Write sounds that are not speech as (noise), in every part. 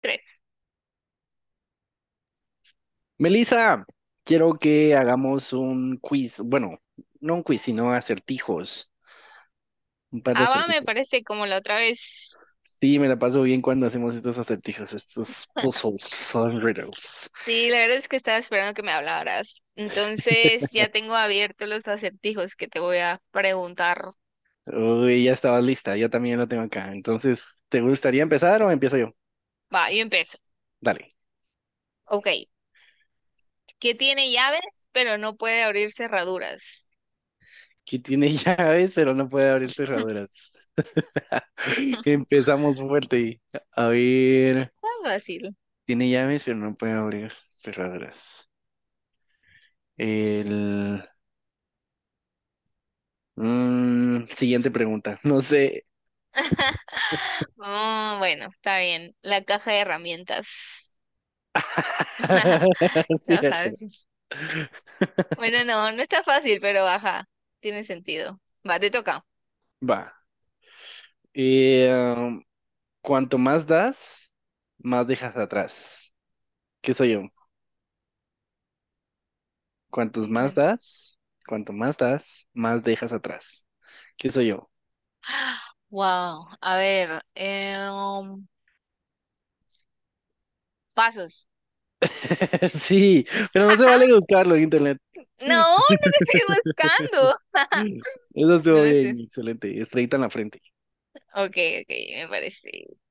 Tres. Melissa, quiero que hagamos un quiz, bueno, no un quiz, sino acertijos, un par de Ava me acertijos. parece como la otra vez. Sí, me la paso bien cuando hacemos estos acertijos, estos puzzles, son (laughs) riddles. Sí, la verdad es que estaba esperando que me hablaras. Entonces ya tengo abiertos los acertijos que te voy a preguntar. Uy, ya estabas lista, yo también lo tengo acá. Entonces, ¿te gustaría empezar o empiezo yo? Va, yo empiezo. Dale. Ok. ¿Qué tiene llaves, pero no puede abrir cerraduras? Que tiene (laughs) llaves, pero no puede abrir (laughs) cerraduras. (laughs) Está Empezamos fuerte. A ver, fácil. tiene llaves, pero no puede abrir cerraduras. El siguiente pregunta. No sé. (laughs) Mm, bueno, está bien. La caja de herramientas. (laughs) (laughs) Está Cierto. fácil. Bueno, no, no está fácil, pero baja. Tiene sentido. Va, te toca. Va. Eh, um, cuanto más das, más dejas atrás. ¿Qué soy yo? Cuantos más das, cuanto más das, más dejas atrás. ¿Qué soy yo? Wow, a ver, pasos. (laughs) Sí, pero (laughs) no se Jaja, vale buscarlo en internet. no, no lo estoy buscando. (laughs) Eso No estuvo lo estoy. bien, excelente. Estrellita en la frente. Ok, ok, me parece.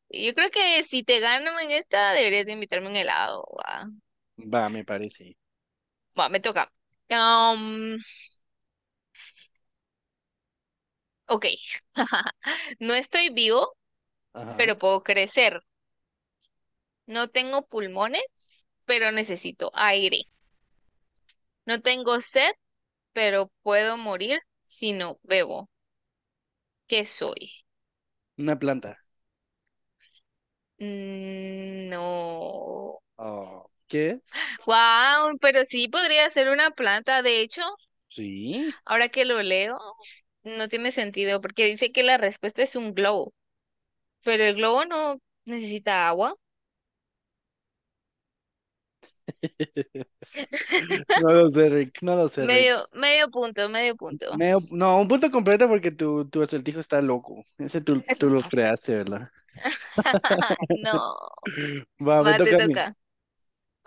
Yo creo que si te gano en esta, deberías de invitarme un helado. Va, Va, me parece. va, me toca. Um, ok. (laughs) No estoy vivo, Ajá. pero puedo crecer. No tengo pulmones, pero necesito aire. No tengo sed, pero puedo morir si no bebo. ¿Qué soy? Una planta. Mm, no. Oh, ¿qué es? Wow, pero sí podría ser una planta. De hecho, Sí. ahora que lo leo, no tiene sentido porque dice que la respuesta es un globo, pero el globo no necesita agua. No lo sé, Rick. No lo sé, Rick. Medio, medio punto, medio punto. No, un punto completo porque tu acertijo está loco. Ese tú lo creaste, ¿verdad? (laughs) No, Va, me va, te toca a mí. toca.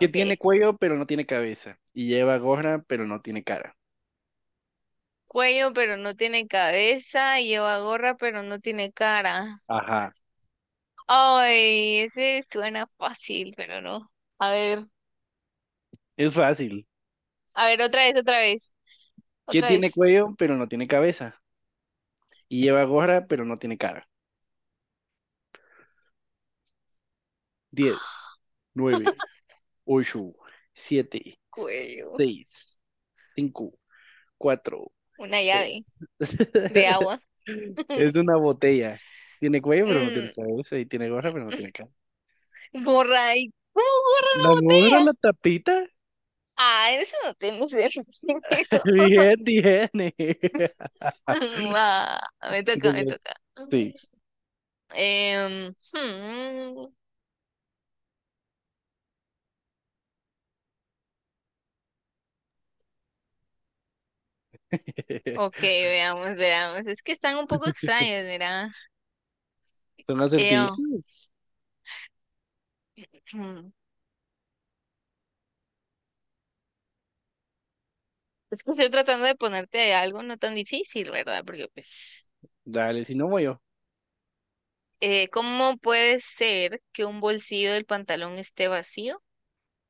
Que tiene cuello pero no tiene cabeza. Y lleva gorra pero no tiene cara. Cuello, pero no tiene cabeza. Lleva gorra, pero no tiene cara. Ajá. Ay, ese suena fácil, pero no. A ver, Es fácil. a ver, otra vez, otra vez, Que otra tiene vez. cuello pero no tiene cabeza. Y lleva gorra pero no tiene cara. Diez, nueve, ocho, siete, Cuello. seis, cinco, cuatro. Una llave de (laughs) agua. Es (laughs) una botella. Tiene cuello pero no tiene Mm, cabeza. Y tiene gorra pero no tiene cara. gorra. ¿Y cómo gorra ¿La gorra, una la botella? tapita? Ah, eso no tengo sentido. Bien, bien. (laughs) (laughs) Va, me Qué toca, me tengo- toca. Sí. Em, hmm, ok, (laughs) veamos, veamos. Es que están un poco extraños, mira. Son Eh, oh, acertijos. hmm, Es que estoy tratando de ponerte algo no tan difícil, ¿verdad? Porque pues, Dale, si no voy yo. ¿Cómo puede ser que un bolsillo del pantalón esté vacío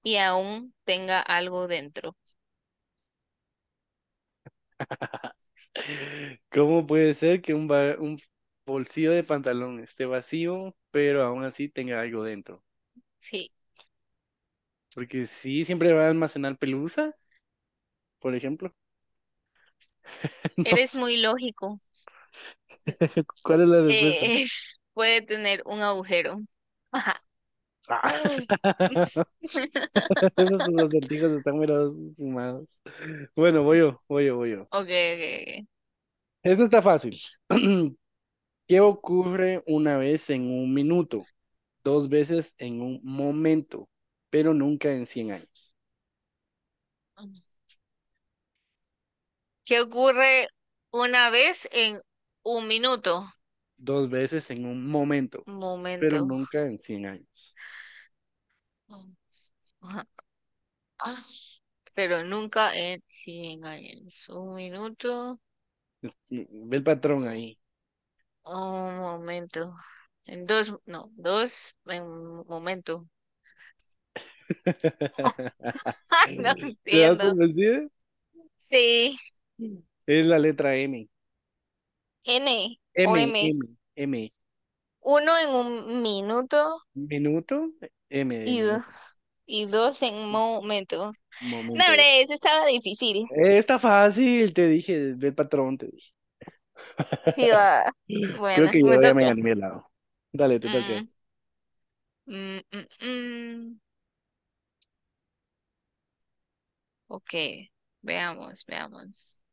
y aún tenga algo dentro? ¿Cómo puede ser que un bolsillo de pantalón esté vacío, pero aún así tenga algo dentro? Sí, Porque sí, siempre va a almacenar pelusa, por ejemplo. (laughs) No. eres muy lógico. (laughs) ¿Cuál es la respuesta? Puede tener un agujero. Ajá. Ah. (laughs) Esos (laughs) acertijos están meros fumados. Bueno, voy yo, voy yo, voy yo. Okay, Eso está fácil. (clears throat) ¿Qué ocurre una vez en un minuto? Dos veces en un momento, pero nunca en 100 años. ok, ok. ¿Qué ocurre una vez en un minuto? Dos veces en un momento, Un pero momento. nunca en 100 años. Ajá. Pero nunca en 100 años. Un minuto. Ve el patrón ahí. Un momento. En dos, no, dos, en un momento. (laughs) (laughs) No ¿Te das por entiendo. vencido? Sí, Es la letra M. N o M, M. M, M. Uno en un minuto Minuto, M de y, do- minuto. y dos en un momento. No, Momento. hombre, eso estaba difícil. Está fácil, te dije, ve el patrón, te dije. Sí, (laughs) va. Creo Bueno, que me yo ya me toca. gané mi helado. Dale, te toca. Mm, mm, mm, mm. Ok, veamos, veamos.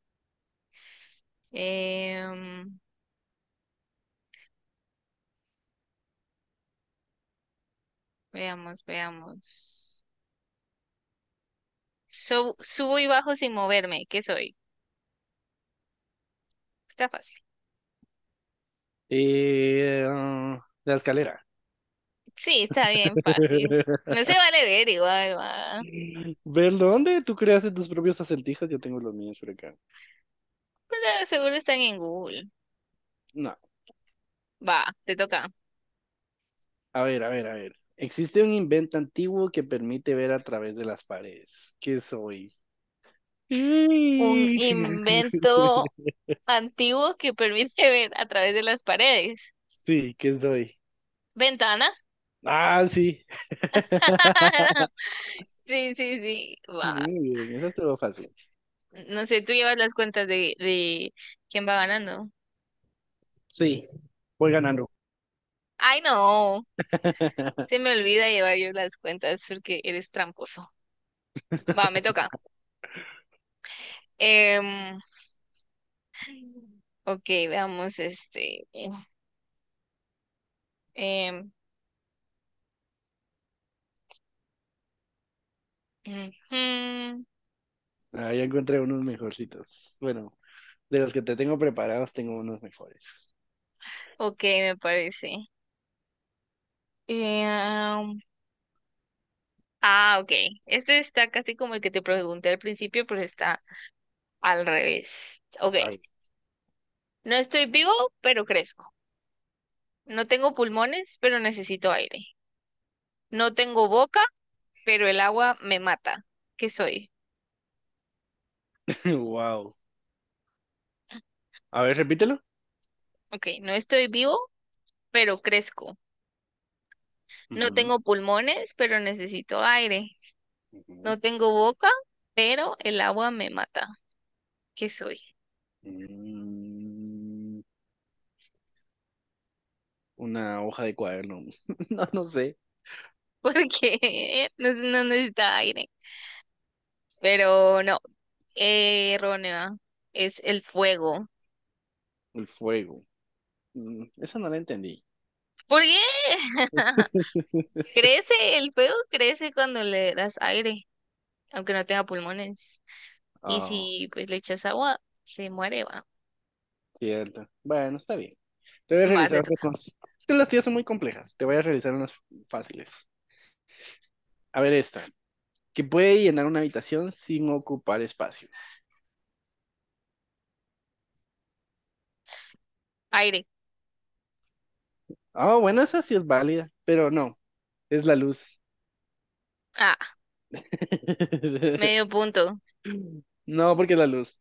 Em, veamos, veamos. Subo y bajo sin moverme. ¿Qué soy? Está fácil. La escalera. Sí, está bien fácil. (laughs) No se vale ver igual, va. ¿Ves dónde? Tú creas tus propios acertijos, yo tengo los míos por acá. Pero seguro están en Google. No, Va, te toca. a ver, a ver, a ver. Existe un invento antiguo que permite ver a través de las paredes. ¿Qué soy? Un Uy. invento (laughs) antiguo que permite (laughs) ver a través de las paredes. Sí, ¿qué soy? ¿Ventana? Ah, sí. (laughs) (laughs) Sí, sí, sí. Va. Muy bien, eso estuvo fácil. No sé, tú llevas las cuentas de quién va ganando. Sí, voy ganando. Ay, no. (laughs) Se me olvida llevar yo las cuentas porque eres tramposo. Va, me toca. Em, ok, veamos este. Em, ujú, Ahí encontré unos mejorcitos. Bueno, de los que te tengo preparados, tengo unos mejores. ok, me parece. Em, Ah, ok. Este está casi como el que te pregunté al principio, pero está al revés. Ok. A No estoy vivo, pero crezco. No tengo pulmones, pero necesito aire. No tengo boca, pero el agua me mata. ¿Qué soy? Wow. A ver, repítelo. Ok. No estoy vivo, pero crezco. No Ujú. tengo pulmones, pero necesito aire. Ujú. No tengo boca, pero el agua me mata. ¿Qué soy? mm, una hoja de cuaderno. (laughs) No, no sé. (laughs) Porque no, no necesita aire. Pero no, errónea. Es el fuego. El fuego. Esa no la entendí. ¿Por qué? (laughs) (laughs) Crece, el fuego crece cuando le das aire, aunque no tenga pulmones. Y Ah, si pues le echas agua, se muere, va. cierto. Bueno, está bien. Te voy a Va, te realizar toca. Es que las tías son muy complejas. Te voy a realizar unas fáciles. A ver esta. Que puede llenar una habitación sin ocupar espacio. Aire. Ah, bueno, esa sí es válida, pero no, es la luz. Ah, medio (laughs) punto. No, porque es la luz.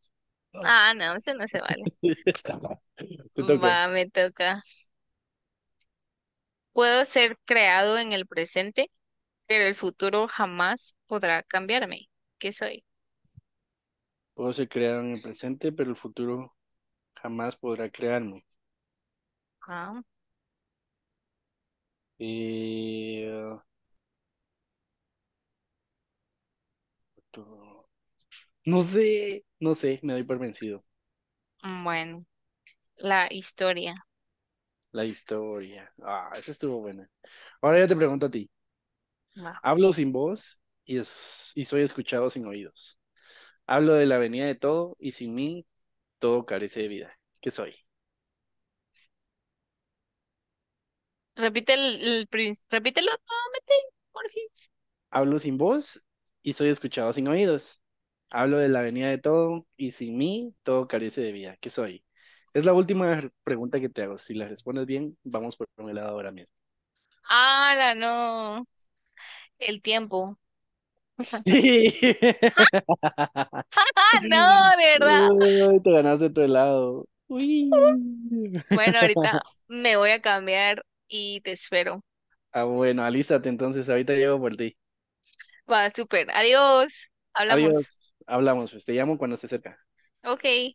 Ah, no, eso no se vale. (laughs) Te toca. Va, me toca. Puedo ser creado en el presente, pero el futuro jamás podrá cambiarme. ¿Qué soy? Puedo ser creado en el presente, pero el futuro jamás podrá crearme. Ah, Eh, tu- No sé, no sé, me doy por vencido. bueno, la historia. La historia. Ah, esa estuvo buena. Ahora yo te pregunto a ti. Va. Hablo sin voz y soy escuchado sin oídos. Hablo de la venida de todo y sin mí todo carece de vida. ¿Qué soy? Repite repítelo nuevamente, por fin. Hablo sin voz y soy escuchado sin oídos. Hablo de la venida de todo y sin mí todo carece de vida. ¿Qué soy? Es la última pregunta que te hago. Si la respondes bien, vamos por un helado ahora mismo. Ah, no. El tiempo. (laughs) (laughs) Sí. (laughs) No, de verdad. Ay, te ganaste tu helado. Uy. Bueno, ahorita me voy a cambiar y te espero. Ah, bueno, alístate entonces. Ahorita llego por ti. Va, súper. Adiós. Hablamos. Adiós. Hablamos, pues. Te llamo cuando esté cerca. Ok.